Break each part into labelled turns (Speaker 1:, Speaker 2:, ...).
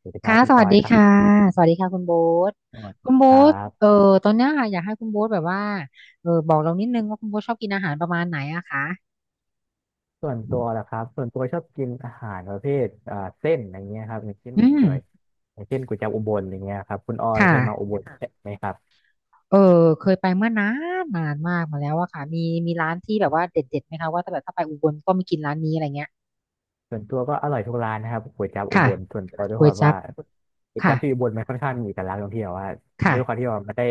Speaker 1: สวัสดีครั
Speaker 2: ค่ะ
Speaker 1: บคุ
Speaker 2: ส
Speaker 1: ณอ
Speaker 2: วัส
Speaker 1: อย
Speaker 2: ดี
Speaker 1: ครั
Speaker 2: ค่ะ
Speaker 1: บ
Speaker 2: สวัสดีค่ะคุณโบ๊ท
Speaker 1: สวัสดี
Speaker 2: คุณโบ๊
Speaker 1: ครั
Speaker 2: ทเอ
Speaker 1: บ
Speaker 2: อตอนเนี้ยค่ะอยากให้คุณโบ๊ทแบบว่าบอกเรานิดนึงว่าคุณโบ๊ทชอบกินอาหารประมาณไหนอะคะ
Speaker 1: ส่วนตัวชอบกินอาหารประเภทเส้นอย่างเงี้ยครับ
Speaker 2: อืม
Speaker 1: อย่างเช่นก๋วยจั๊บอุบลอย่างเงี้ยครับคุณออย
Speaker 2: ค่ะ
Speaker 1: เคยมาอุบล่ไหมครับ
Speaker 2: เออเคยไปเมื่อนานนานมากมาแล้วอะค่ะมีร้านที่แบบว่าเด็ดๆไหมคะว่าถ้าแบบถ้าไปอุบลก็ไม่กินร้านนี้อะไรเงี้ย
Speaker 1: ส่วนตัวก็อร่อยทุกร้านนะครับก๋วยจั๊บอุ
Speaker 2: ค่ะ
Speaker 1: บลส่วนตัวด้วย
Speaker 2: ก๋
Speaker 1: ค
Speaker 2: วย
Speaker 1: วาม
Speaker 2: จั๊
Speaker 1: ว่า
Speaker 2: บ
Speaker 1: ก๋วยจั๊
Speaker 2: ค่ะ
Speaker 1: บที่อุบลมันค่อนข้างมีเอกลักษณ์ตรงที่แบบว่าด้วยความ
Speaker 2: ค่ะ
Speaker 1: ที่ว่ามันได้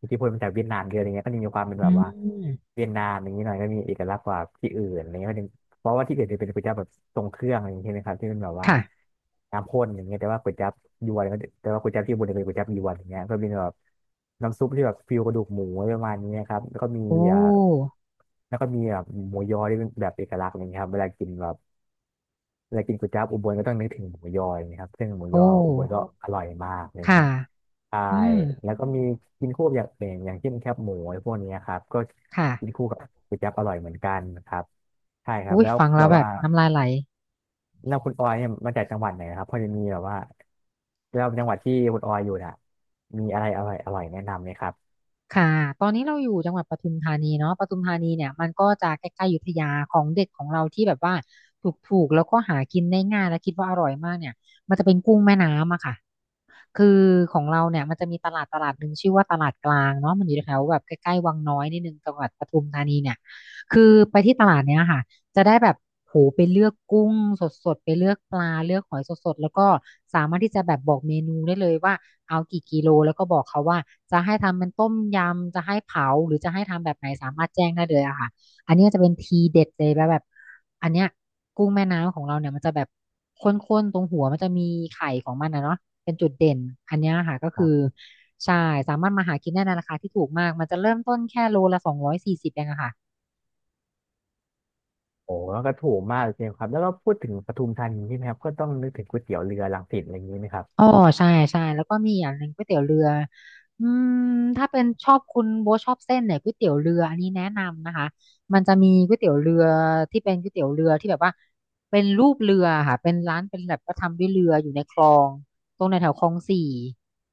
Speaker 1: อิทธิพลมาจากเวียดนามเยอะอะไรเงี้ยก็จะมีความเป็น
Speaker 2: อื
Speaker 1: แบบว่า
Speaker 2: ม
Speaker 1: เวียดนามอย่างนี้หน่อยก็มีเอกลักษณ์กว่าที่อื่นอะไรเงี้ย็เพราะว่าที่อื่นจะเป็นก๋วยจั๊บแบบทรงเครื่องอะไรอย่างเงี้ยใช่ไหมครับที่เป็นแบบว่า
Speaker 2: ค่ะ
Speaker 1: น้ำข้นอย่างเงี้ยแต่ว่าก๋วยจั๊บที่อุบลจะเป็นก๋วยจั๊บยวนอย่างเงี้ยก็เป็นแบบน้ำซุปที่แบบฟิวกระดูกหมูอะไรประมาณนี้ครับแล้วก็มี
Speaker 2: โอ
Speaker 1: อ่า
Speaker 2: ้
Speaker 1: แล้วก็มีแบบหมูยอที่เป็นแบบเอกลักษณ์อะไรเงี้ยครับเวลากินก๋วยจั๊บอุบลก็ต้องนึกถึงหมูยออยเียครับซึ่งหมูย
Speaker 2: โอ้
Speaker 1: ออุบลก็อร่อยมากอะไร
Speaker 2: ค่ะ
Speaker 1: เงี้ยใช่
Speaker 2: อืม
Speaker 1: แล้วก็มีกินคู่กับอย่างอื่นอย่างเช่นแคบหมูอะไรพวกนี้ครับก็
Speaker 2: ค่ะ
Speaker 1: กินคู่กับก๋วยจั๊บอร่อยเหมือนกันครับใช่ครับ
Speaker 2: อุ้ย
Speaker 1: แล้ว
Speaker 2: ฟัง
Speaker 1: แบ
Speaker 2: แล้ว
Speaker 1: บ
Speaker 2: แบบ
Speaker 1: ว่า
Speaker 2: น้ำลายไหล
Speaker 1: แล้วคุณออยเนี่ยมาจากจังหวัดไหนครับพอจะมีแบบว่าแล้วจังหวัดที่คุณออยอยู่น่ะมีอะไรอร่อยแนะนำไหมครับ
Speaker 2: ค่ะตอนนี้เราอยู่จังหวัดปทุมธานีเนาะปทุมธานีเนี่ยมันก็จะใกล้ๆอยุธยาของเด็ดของเราที่แบบว่าถูกๆแล้วก็หากินได้ง่ายและคิดว่าอร่อยมากเนี่ยมันจะเป็นกุ้งแม่น้ำอะค่ะคือของเราเนี่ยมันจะมีตลาดตลาดหนึ่งชื่อว่าตลาดกลางเนาะมันอยู่แถวแบบใกล้ๆวังน้อยนิดนึงจังหวัดปทุมธานีเนี่ยคือไปที่ตลาดเนี้ยค่ะ จะได้แบบโหไปเลือกกุ้งสดๆไปเลือกปลาเลือกหอยสดๆแล้วก็สามารถที่จะแบบบอกเมนูได้เลยว่าเอากี่กิโลแล้วก็บอกเขาว่าจะให้ทำเป็นต้มยำจะให้เผาหรือจะให้ทำแบบไหนสามารถแจ้งได้เลยอะค่ะอันนี้จะเป็นทีเด็ดเลยแบบอันเนี้ยกุ้งแม่น้ำของเราเนี่ยมันจะแบบข้นๆตรงหัวมันจะมีไข่ของมันนะเนาะเป็นจุดเด่นอันเนี้ยค่ะก็
Speaker 1: ค
Speaker 2: คือ
Speaker 1: รับ
Speaker 2: ใช่สามารถมาหากินได้ในราคาที่ถูกมากมันจะเริ่มต้นแค่โลละ240เองอะค่ะ
Speaker 1: โอ้แล้วก็ถูกมากเลยครับแล้วก็พูดถึงปทุมธานีใช่ไหมครับก็ต้องนึกถึงก๋วยเตี๋ยวเรือรังสิตอะไรอย่างนี้ไหมครับ
Speaker 2: อ๋อใช่ใช่แล้วก็มีอย่างหนึ่งก๋วยเตี๋ยวเรืออืมถ้าเป็นชอบคุณโบทชอบเส้นเนี่ยก๋วยเตี๋ยวเรืออันนี้แนะนำนะคะมันจะมีก๋วยเตี๋ยวเรือที่เป็นก๋วยเตี๋ยวเรือที่แบบว่าเป็นรูปเรือค่ะเป็นร้านเป็นแบบก็ทำด้วยเรืออยู่ในคลองตรงในแถวคลองสี่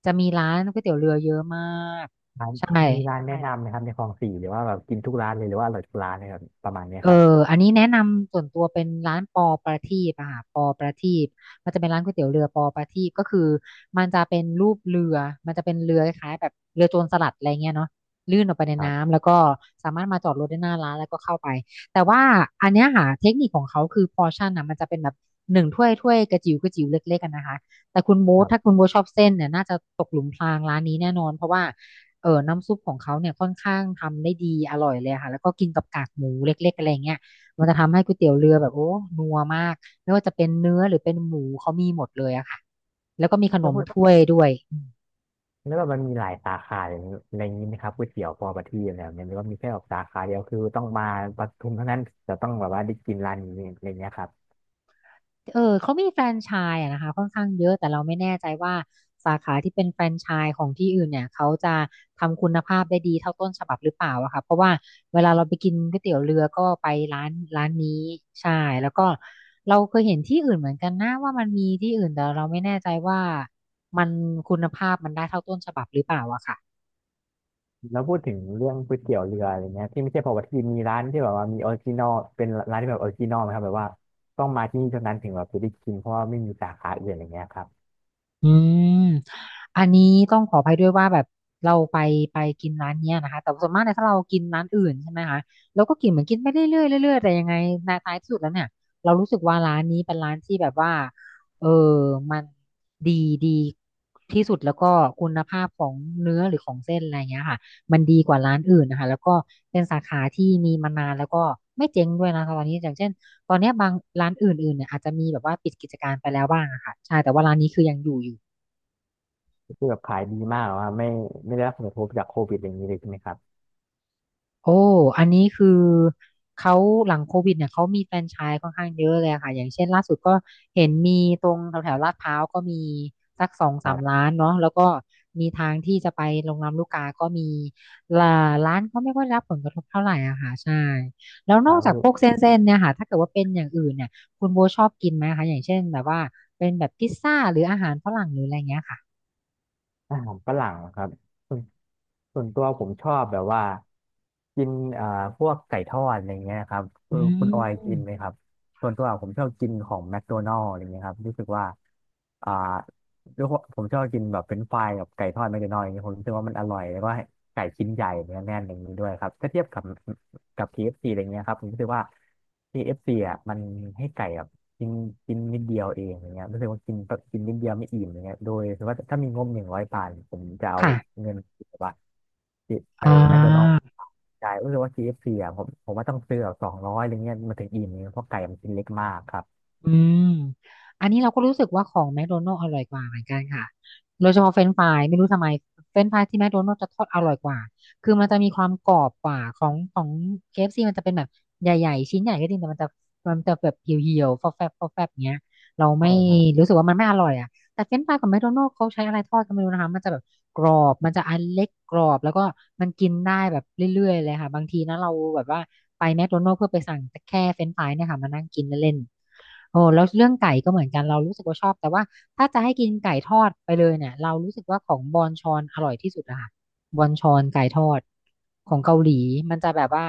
Speaker 2: จะมีร้านก๋วยเตี๋ยวเรือเยอะมาก
Speaker 1: ร้าน
Speaker 2: ใช่
Speaker 1: มีร้านแนะนำไหมครับในคลองสี่หรือว่าแบบกินทุกร้านเลยหรือว่าอร่อยทุกร้านเลยครับประมาณเนี้ย
Speaker 2: เออ
Speaker 1: ครับ
Speaker 2: อันนี้แนะนำส่วนตัวเป็นร้านปอประทีปอะค่ะปอประทีปมันจะเป็นร้านก๋วยเตี๋ยวเรือปอประทีปก็คือมันจะเป็นรูปเรือมันจะเป็นเรือคล้ายๆแบบเรือโจรสลัดอะไรเงี้ยเนาะลื่นออกไปใน
Speaker 1: ครับ
Speaker 2: น้ำแล้วก็สามารถมาจอดรถได้หน้าร้านแล้วก็เข้าไปแต่ว่าอันเนี้ยค่ะเทคนิคของเขาคือพอร์ชั่นนะมันจะเป็นแบบหนึ่งถ้วยถ้วยกระจิ๋วกระจิ๋วเล็กๆกันนะคะแต่คุณโบ๊
Speaker 1: ค
Speaker 2: ท
Speaker 1: รั
Speaker 2: ถ้า
Speaker 1: บ
Speaker 2: คุณโบ๊ทชอบเส้นเนี่ยน่าจะตกหลุมพรางร้านนี้แน่นอนเพราะว่า น้ำซุปของเขาเนี่ยค่อนข้างทำได้ดีอร่อยเลยค่ะแล้วก็กินกับกากหมูเล็กๆอะไรเงี้ยมันจะทำให้ก๋วยเตี๋ยวเรือแบบโอ้นัวมากไม่ว่าจะเป็นเนื้อหรือเป็นหมูเขามีหมดเลยอะค่ะ
Speaker 1: แล้วพูดแล้วแบบมันมีหลายสาขาอย่างนี้อะไรอย่างนี้ไหมครับก๋วยเตี๋ยวปอประทีปอะไรแบบเนี้ยหรือว่ามีแค่แบบสาขาเดียวคือต้องมาปทุมเท่านั้นจะต้องแบบว่าได้กินร้านนี้อะไรเงี้ยครับ
Speaker 2: เออเขามีแฟรนไชส์อะนะคะค่อนข้างเยอะแต่เราไม่แน่ใจว่าสาขาที่เป็นแฟรนไชส์ของที่อื่นเนี่ยเขาจะทำคุณภาพได้ดีเท่าต้นฉบับหรือเปล่าอะค่ะเพราะว่าเวลาเราไปกินก๋วยเตี๋ยวเรือก็ไปร้านร้านนี้ใช่แล้วก็เราเคยเห็นที่อื่นเหมือนกันนะว่ามันมีที่อื่นแต่เราไม่แน่ใจว่ามันคุณภาพมันได้เท่าต้นฉบับหรือเปล่าอะค่ะ
Speaker 1: แล้วพูดถึงเรื่องก๋วยเตี๋ยวเรืออะไรเงี้ยที่ไม่ใช่ปอประทีปมีร้านที่แบบว่ามีออริจินอลเป็นร้านที่แบบออริจินอลไหมครับแบบว่าต้องมาที่นี่เท่านั้นถึงแบบจะได้กินเพราะว่าไม่มีสาขาอื่นอะไรเงี้ยครับ
Speaker 2: อืมอันนี้ต้องขออภัยด้วยว่าแบบเราไปกินร้านเนี้ยนะคะแต่ส่วนมากเนี่ยถ้าเรากินร้านอื่นใช่ไหมคะเราก็กินเหมือนกินไปเรื่อยๆเรื่อยๆแต่ยังไงในท้ายที่สุดแล้วเนี่ยเรารู้สึกว่าร้านนี้เป็นร้านที่แบบว่าเออมันดีดีที่สุดแล้วก็คุณภาพของเนื้อหรือของเส้นอะไรเงี้ยค่ะมันดีกว่าร้านอื่นนะคะแล้วก็เป็นสาขาที่มีมานานแล้วก็ไม่เจ๊งด้วยนะคะตอนนี้อย่างเช่น ตอนเนี้ยบางร้านอื่นๆเนี่ยอาจจะมีแบบว่าปิดกิจการไปแล้วบ้างอะค่ะใช่แต่ว่าร้านนี้คือยังอยู่
Speaker 1: คือแบบขายดีมากว่าไม่ได้รับผลกระทบจากโควิดอะไรอย่างนี้เลยใช่ไหมครับ
Speaker 2: โอ้อันนี้คือเขาหลังโควิดเนี่ยเขามีแฟรนไชส์ค่อนข้างเยอะเลยอะค่ะอย่างเช่นล่าสุดก็เห็นมีตรงแถวแถวลาดพร้าวก็มีสักสอง
Speaker 1: ค
Speaker 2: สาม
Speaker 1: รับ
Speaker 2: ร้านเนาะแล้วก็มีทางที่จะไปลงลำลูกกาก็มีละร้านก็ไม่ค่อยได้รับผลกระทบเท่าไหร่อะค่ะใช่แล้ว
Speaker 1: ค
Speaker 2: น
Speaker 1: รั
Speaker 2: อก
Speaker 1: บ
Speaker 2: จาก
Speaker 1: คื
Speaker 2: พวกเส
Speaker 1: อ
Speaker 2: ้นๆเนี่ยค่ะถ้าเกิดว่าเป็นอย่างอื่นเนี่ยคุณโบชอบกินไหมคะอย่างเช่นแบบว่าเป็นแบบพิซซ่าหรืออาหารฝรั่งหรืออะไรเงี้ยค่ะ
Speaker 1: อาหารฝรั่งครับส่วนส่วนตัวผมชอบแบบว่ากินพวกไก่ทอดอะไรเงี้ยครับเอ
Speaker 2: อื
Speaker 1: อคุณออยกิน
Speaker 2: ม
Speaker 1: ไหมครับส่วนตัวผมชอบกินของแมคโดนัลด์อะไรเงี้ยครับรู้สึกว่าอ่าด้วยความผมชอบกินแบบเป็นไฟรายกับไก่ทอดแมคโดนัลด์อย่างเงี้ยผมรู้สึกว่ามันอร่อยแล้วก็ไก่ชิ้นใหญ่เนื้อแน่นอย่างนี้ด้วยครับถ้าเทียบกับ KFC อฟซีอะไรเงี้ยครับผมรู้สึกว่าเคเอฟ f c อ่ะมันให้ไก่แบบ กินกินนิดเดียวเองอย่างเงี้ยรู้สึกว่ากินกินนิดเดียวไม่อิ่มอย่างเงี้ยโดยถือว่าถ้ามีงบ100 บาทผมจะเอา
Speaker 2: ค่ะ
Speaker 1: เงินแบบว่าไป
Speaker 2: อ่
Speaker 1: แมคโดนัลด์
Speaker 2: า
Speaker 1: จ่ายรู้สึกว่า KFC อฟซีอ่ะผมว่าต้องซื้อแบบ200อะไรเงี้ยมันถึงอิ่มเนี่ยเพราะไก่มันชิ้นเล็กมากครับ
Speaker 2: อืม อันนี้เราก็รู้สึกว่าของแมคโดนัล d ์อร่อยกว่าเหมือนกันค่ะโดยเฉพาะเฟรนช์ฟรายไม่รู้ทำไมเฟรนช์ฟรายที่แมคโดนัล d ์จะทอดอร่อยกว่าคือมันจะมีความกรอบกว่าของ KFC มันจะเป็นแบบใหญ่ๆชิ้นใหญ่ก็จริงแต่มันจะมันจะแบบเหี่ยวๆฟอแฟบเงี้ยเรา
Speaker 1: ใช่
Speaker 2: ไม่
Speaker 1: ครับ
Speaker 2: รู้สึกว่ามันไม่อร่อยอ่ะ แต่เฟรนช์ฟรายของแมคโดนัลด์เขาใช้อะไรทอดก็ไม่รู้นะคะมันจะแบบกรอบมันจะอันเล็กกรอบแล้วก็มันกินได้แบบเรื่อยๆเลยค่ะบางทีนะเราแบบว่าไปแมคโดนัลด์เพื่อไปสั่งแ่ค่เฟรนช์ฟรายเนี่ยค่ะมานั่งกินเล่นๆโอ้แล้วเรื่องไก่ก็เหมือนกันเรารู้สึกว่าชอบแต่ว่าถ้าจะให้กินไก่ทอดไปเลยเนี่ยเรารู้สึกว่าของบอนชอนอร่อยที่สุดอะค่ะบอนชอนไก่ทอดของเกาหลีมันจะแบบว่า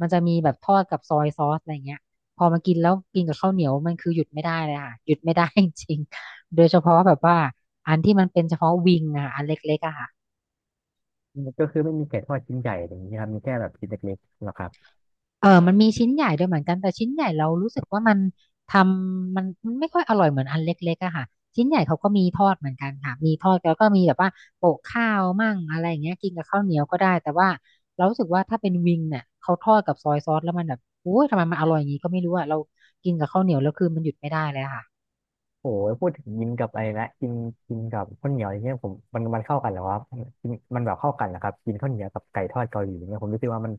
Speaker 2: มันจะมีแบบทอดกับซอยซอสอะไรเงี้ยพอมากินแล้วกินกับข้าวเหนียวมันคือหยุดไม่ได้เลยค่ะหยุดไม่ได้จริง โดยเฉพาะแบบว่าอันที่มันเป็นเฉพาะวิงอะค่ะอันเล็กๆอะค่ะ
Speaker 1: ก็คือไม่มีไก่ทอดชิ้นใหญ่อย่างเงี้ยครับมีแค่แบบชิ้นเล็กๆหรอกครับ
Speaker 2: เออมันมีชิ้นใหญ่ด้วยเหมือนกันแต่ชิ้นใหญ่เรารู้สึกว่ามันทำมันมันไม่ค่อยอร่อยเหมือนอันเล็กๆอะค่ะชิ้นใหญ่เขาก็มีทอดเหมือนกันค่ะมีทอดแล้วก็มีแบบว่าโปะข้าวมั่งอะไรอย่างเงี้ยกินกับข้าวเหนียวก็ได้แต่ว่าเรารู้สึกว่าถ้าเป็นวิงเนี่ยเขาทอดกับซอยซอสแล้วมันแบบโอ้ยทำไมมันอร่อยอย่างงี้ก็ไม่รู้อะเรากินกับข้าวเหนียวแล้วคือมันหยุดไม่ได้เลยอะค่ะ
Speaker 1: โอ้ยพูดถึงกินกับอะไรนะกินกินกับข้าวเหนียวอย่างเงี้ยผมมันเข้ากันเหรอวะกินมันแบบเข้ากันเหรอครับกินข้าวเหนียวกับไก่ทอดเกาหลีอย่างเงี้ยผมรู้สึกว่ามัน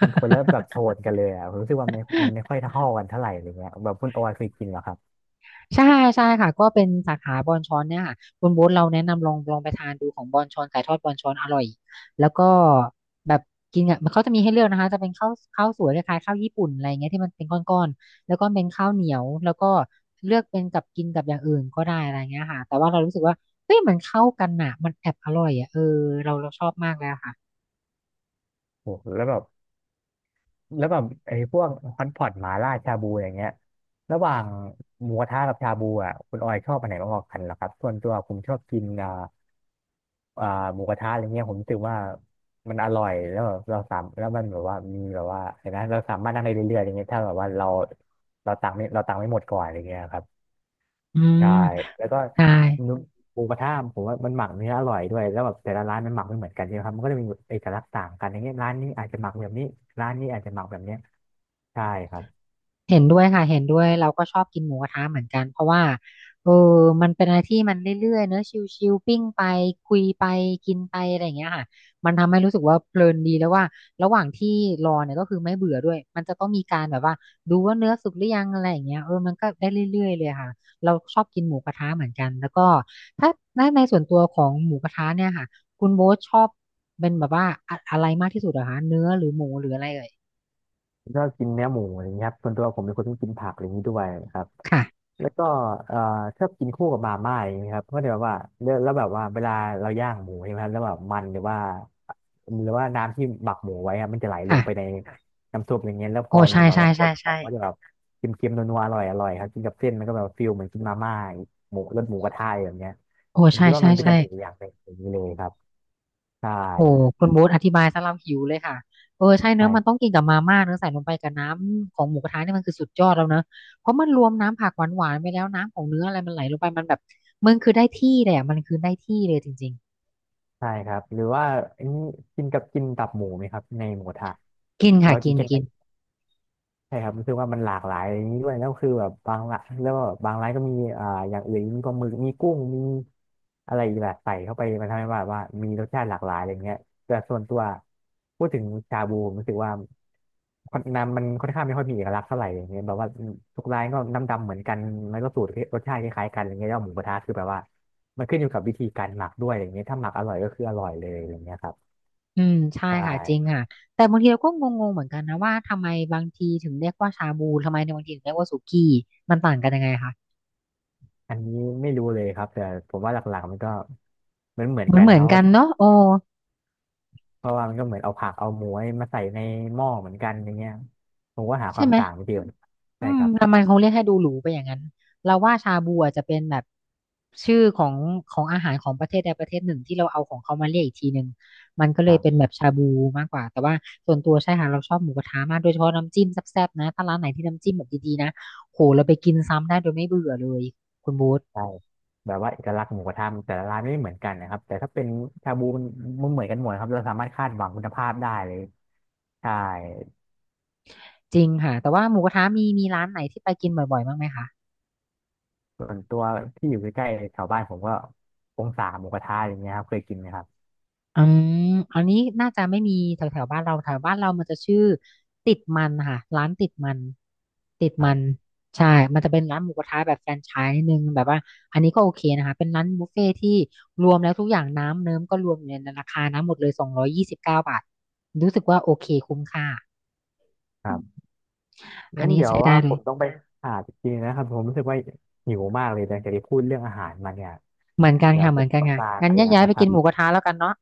Speaker 1: มันคนละแบบโทนกันเลยอ่ะผมรู้สึกว่ามันไม่ค่อยเท่ากันเท่าไหร่อะไรเงี้ยแบบคุณโออยเคยกินเหรอครับ
Speaker 2: ใช่ใช่ค่ะก็เป็นสาขาบอนชอนเนี่ยค่ะคุณโบ๊ทเราแนะนำลองไปทานดูของบอนชอนไก่ทอดบอนชอนอร่อยแล้วก็แบบกินอ่ะมันเขาจะมีให้เลือกนะคะจะเป็นข้าวสวยคล้ายๆข้าวญี่ปุ่นอะไรเงี้ยที่มันเป็นก้อนๆแล้วก็เป็นข้าวเหนียวแล้วก็เลือกเป็นกับกินกับอย่างอื่นก็ได้อะไรเงี้ยค่ะแต่ว่าเรารู้สึกว่าเฮ้ยมันเข้ากันอ่ะมันแอบอร่อยอ่ะเออเราชอบมากเลยอะค่ะ
Speaker 1: โอ้โหแล้วแบบ แล้วแบบไอ้พวกฮอตพอตหมาล่าชาบูอย่างเงี้ยระหว่างหมูกระทะกับชาบูอ่ะคุณออยชอบอันไหนมากกว่ากันเหรอครับส่วนตัวผมชอบกินอ่าหมูกระทะอะไรเงี้ยผมรู้สึกว่ามันอร่อยแล้วแบบเราสามแล้วมันแบบว่ามีแบบว่าเห็นไหมเราสามารถนั่งได้เรื่อยๆอย่างเงี้ยถ้าแบบว่าเราตังค์ไม่หมดก่อนอะไรเงี้ยครับ
Speaker 2: อื
Speaker 1: ใช่
Speaker 2: ม
Speaker 1: แล้วก็
Speaker 2: ใช่
Speaker 1: หมูกระทะผมว่ามันหมักเนื้ออร่อยด้วยแล้วแบบแต่ละร้านมันหมักไม่เหมือนกันใช่ไหมครับมันก็จะมีเอกลักษณ์ต่างกันอย่างเงี้ยร้านนี้อาจจะหมักแบบนี้ร้านนี้อาจจะหมักแบบเนี้ย ใช่ครับ
Speaker 2: เห็นด้วยค่ะเห็นด้วยเราก็ชอบกินหมูกระทะเหมือนกันเพราะว่าเออมันเป็นอะไรที่มันเรื่อยๆเนอะชิลๆปิ้งไปคุยไปกินไปอะไรอย่างเงี้ยค่ะมันทำให้รู้สึกว่าเพลินดีแล้วว่าระหว่างที่รอเนี่ยก็คือไม่เบื่อด้วยมันจะต้องมีการแบบว่าดูว่าเนื้อสุกหรือยังอะไรอย่างเงี้ยเออมันก็ได้เรื่อยๆเลยค่ะเราชอบกินหมูกระทะเหมือนกันแล้วก็ถ้าในส่วนตัวของหมูกระทะเนี่ยค่ะคุณโบ๊ทชอบเป็นแบบว่าอะไรมากที่สุดเหรอคะเนื้อหรือหมูหรืออะไรเอ่ย
Speaker 1: ผมชอบกินเนื้อหมูอะไรอย่างเงี้ยครับส่วนตัวผมเป็นคนที่กินผักอะไรอย่างนี้ด้วยครับ
Speaker 2: ค่ะ
Speaker 1: แล้วก็เอ่อชอบกินคู่กับมาม่าอย่างนี้ยครับก็เลยแบบว่าแล้วแบบว่าเวลาเราย่างหมูใช่ไหมครับแล้วแบบมันหรือว่าหรือว่าน้ำที่หมักหมูไว้อะมันจะไหลล
Speaker 2: ค่ะ
Speaker 1: งไปในน้ำซุปอย่างเงี้ยแล้วพ
Speaker 2: โอ้
Speaker 1: อมัน
Speaker 2: ใช่
Speaker 1: แบบ
Speaker 2: ใช่
Speaker 1: ว่าค
Speaker 2: ใช่
Speaker 1: นกั
Speaker 2: ใช่
Speaker 1: นก็จะแบบเค็มๆนัวๆอร่อยครับกินกับเส้นมันก็แบบฟิลเหมือนกินมาม่าหมูรสหมูกระทะอะไรแบบเงี้ย
Speaker 2: โอ้
Speaker 1: ผม
Speaker 2: ใช่
Speaker 1: คิดว่า
Speaker 2: ใช่
Speaker 1: มันเป็นเส
Speaker 2: ใช่
Speaker 1: น่ห์อย่างหนึ่งอย่างนี้เลยครับใช่
Speaker 2: โอ้คุณโบ๊ทอธิบายซะเราหิวเลยค่ะเออใช่เนอะมันต้อง
Speaker 1: ใช่
Speaker 2: กินกับมาม่าเนอะใส่ลงไปกับน้ำของหมูกระทะเนี่ยมันคือสุดยอดแล้วเนอะเพราะมันรวมน้ำผักหวานหวานไปแล้วน้ำของเนื้ออะไรมันไหลลงไปมันแบบมันคือได้ที่เลยอ่ะมันคือได้ที่เลยจริง
Speaker 1: ใช่ครับ หรือว่าอันนี้กินตับหมูไหมครับในหมูกระทะ
Speaker 2: ๆกิน
Speaker 1: แล้
Speaker 2: ค่ะ
Speaker 1: วกิ
Speaker 2: กิ
Speaker 1: น
Speaker 2: นกิ
Speaker 1: กั
Speaker 2: น
Speaker 1: น ใช่ครับรู้สึกว่ามันหลากหลายอย่างนี้ด้วยแล้วคือแบบบางละแล้วก็บบางร้านก็มีอ่าอย่างอื่นมีปลาหมึกมีกุ้งมีอะไรอีกแบบใส่เข้าไปมันทำให้ว่ามีรสชาติหลากหลายอะไรเงี้ยแต่ส่วนตัวพูดถึงชาบูผมรู้สึกว่าคนน้ำมันค่อนข้างไม่ค่อยมีเอกลักษณ์เท่าไหร่อย่างเงี้ยแบบว่าทุกร้านก็น้ำดำเหมือนกันแล้วก็สูตรรสชาติคล้ายๆกันอะไรเงี้ยแล้วหมูกระทะคือแบบว่ามันขึ้นอยู่กับวิธีการหมักด้วยอะไรเงี้ยถ้าหมักอร่อยก็คืออร่อยเลยอะไรเงี้ยครับ
Speaker 2: อืมใช่
Speaker 1: ใช
Speaker 2: ค่ะจริง
Speaker 1: ่
Speaker 2: ค่ะแต่บางทีเราก็งงๆเหมือนกันนะว่าทำไมบางทีถึงเรียกว่าชาบูทำไมในบางทีถึงเรียกว่าสุกี้มันต่างกันยังไงคะ
Speaker 1: อันนี้ไม่รู้เลยครับแต่ผมว่าหลักๆมันก็เหมือนเหมือ
Speaker 2: เห
Speaker 1: น
Speaker 2: มือ
Speaker 1: กั
Speaker 2: น
Speaker 1: น
Speaker 2: เห
Speaker 1: นะ
Speaker 2: มื
Speaker 1: ค
Speaker 2: อน
Speaker 1: รับเพ
Speaker 2: กั
Speaker 1: ราะ
Speaker 2: นเนอะโอ้
Speaker 1: เพราะว่ามันก็เหมือนเอาผักเอาหมูมาใส่ในหม้อเหมือนกันอย่างเงี้ยผมก็หาค
Speaker 2: ใช่
Speaker 1: วาม
Speaker 2: ไหม
Speaker 1: ต่างไม่เจอ
Speaker 2: อื
Speaker 1: ใช่
Speaker 2: ม
Speaker 1: ครับ
Speaker 2: ทำไมเขาเรียกให้ดูหรูไปอย่างนั้น เราว่าชาบูอาจจะเป็นแบบชื่อของอาหารของประเทศใดประเทศหนึ่งที่เราเอาของเขามาเรียกอีกทีหนึ่งมันก็
Speaker 1: ค
Speaker 2: เลย
Speaker 1: รั
Speaker 2: เป็น
Speaker 1: บ
Speaker 2: แบบชาบูมากกว่าแต่ว่าส่วนตัวใช่ค่ะเราชอบหมูกระทะมากโดยเฉพาะน้ำจิ้มแซ่บๆนะ ถ้าร้านไหนที่น้ำจิ้มแบบดีๆนะโหเราไปกินซ้ำได้โดยไม่เบื่อเลยคุณบูธ
Speaker 1: ใช่แบบว่าเอกลักษณ์หมูกระทะแต่ละร้านไม่เหมือนกันนะครับแต่ถ้าเป็นชาบูมันมันเหมือนกันหมดครับเราสามารถคาดหวังคุณภาพได้เลยใช่
Speaker 2: จริงค่ะแต่ว่าหมูกระทะมีร้านไหนที่ไปกินบ่อยๆบ้างไหมคะ
Speaker 1: ส่วนตัวที่อยู่ใกล้ๆแถวบ้านผมก็องศาหมูกระทะอย่างเงี้ยครับเคยกินนะครับ
Speaker 2: อืมอันนี้น่าจะไม่มีแถวแถวบ้านเราแถวบ้านเรามันจะชื่อติดมันค่ะร้านติดมันติด
Speaker 1: ครั
Speaker 2: มัน
Speaker 1: บ
Speaker 2: ใช่ มันจะเป็นร้านหมูกระทะแบบแฟรนไชส์นิดนึงแบบว่าอันนี้ก็โอเคนะคะเป็นร้านบุฟเฟ่ที่รวมแล้วทุกอย่างน้ำเนิ้มก็รวมอยู่ในราคานะหมดเลย229 บาทรู้สึกว่าโอเคคุ้มค่า
Speaker 1: ครับ
Speaker 2: อัน
Speaker 1: งั้น
Speaker 2: นี้
Speaker 1: เดี๋ยว
Speaker 2: ใช้ได้
Speaker 1: ว่า
Speaker 2: เล
Speaker 1: ผ
Speaker 2: ย
Speaker 1: มต้องไปหาจริงๆนะครับผมรู้สึกว่าหิวมากเลยนะจากที่พูดเรื่องอาหารมาเนี่ย
Speaker 2: เหมือนกัน
Speaker 1: เดี๋ยว
Speaker 2: ค่ะเห
Speaker 1: ผ
Speaker 2: มือ
Speaker 1: ม
Speaker 2: นกัน
Speaker 1: ต้อง
Speaker 2: ค่ะ
Speaker 1: ลา
Speaker 2: งั้น
Speaker 1: กัน
Speaker 2: แย
Speaker 1: แล้
Speaker 2: ก
Speaker 1: ว
Speaker 2: ย้าย
Speaker 1: นะ
Speaker 2: ไป
Speaker 1: ค
Speaker 2: กิ
Speaker 1: รั
Speaker 2: น
Speaker 1: บ
Speaker 2: หมูกระทะแล้วกันเนาะ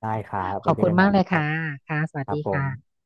Speaker 1: ได้ครับ
Speaker 2: ข
Speaker 1: ไป
Speaker 2: อบ
Speaker 1: เจอ
Speaker 2: คุณ
Speaker 1: กันให
Speaker 2: มา
Speaker 1: ม่
Speaker 2: กเล
Speaker 1: นะ
Speaker 2: ย
Speaker 1: ครับ
Speaker 2: ค่ะค่ะสวัส
Speaker 1: ครับ
Speaker 2: ดี
Speaker 1: ผ
Speaker 2: ค่ะ
Speaker 1: ม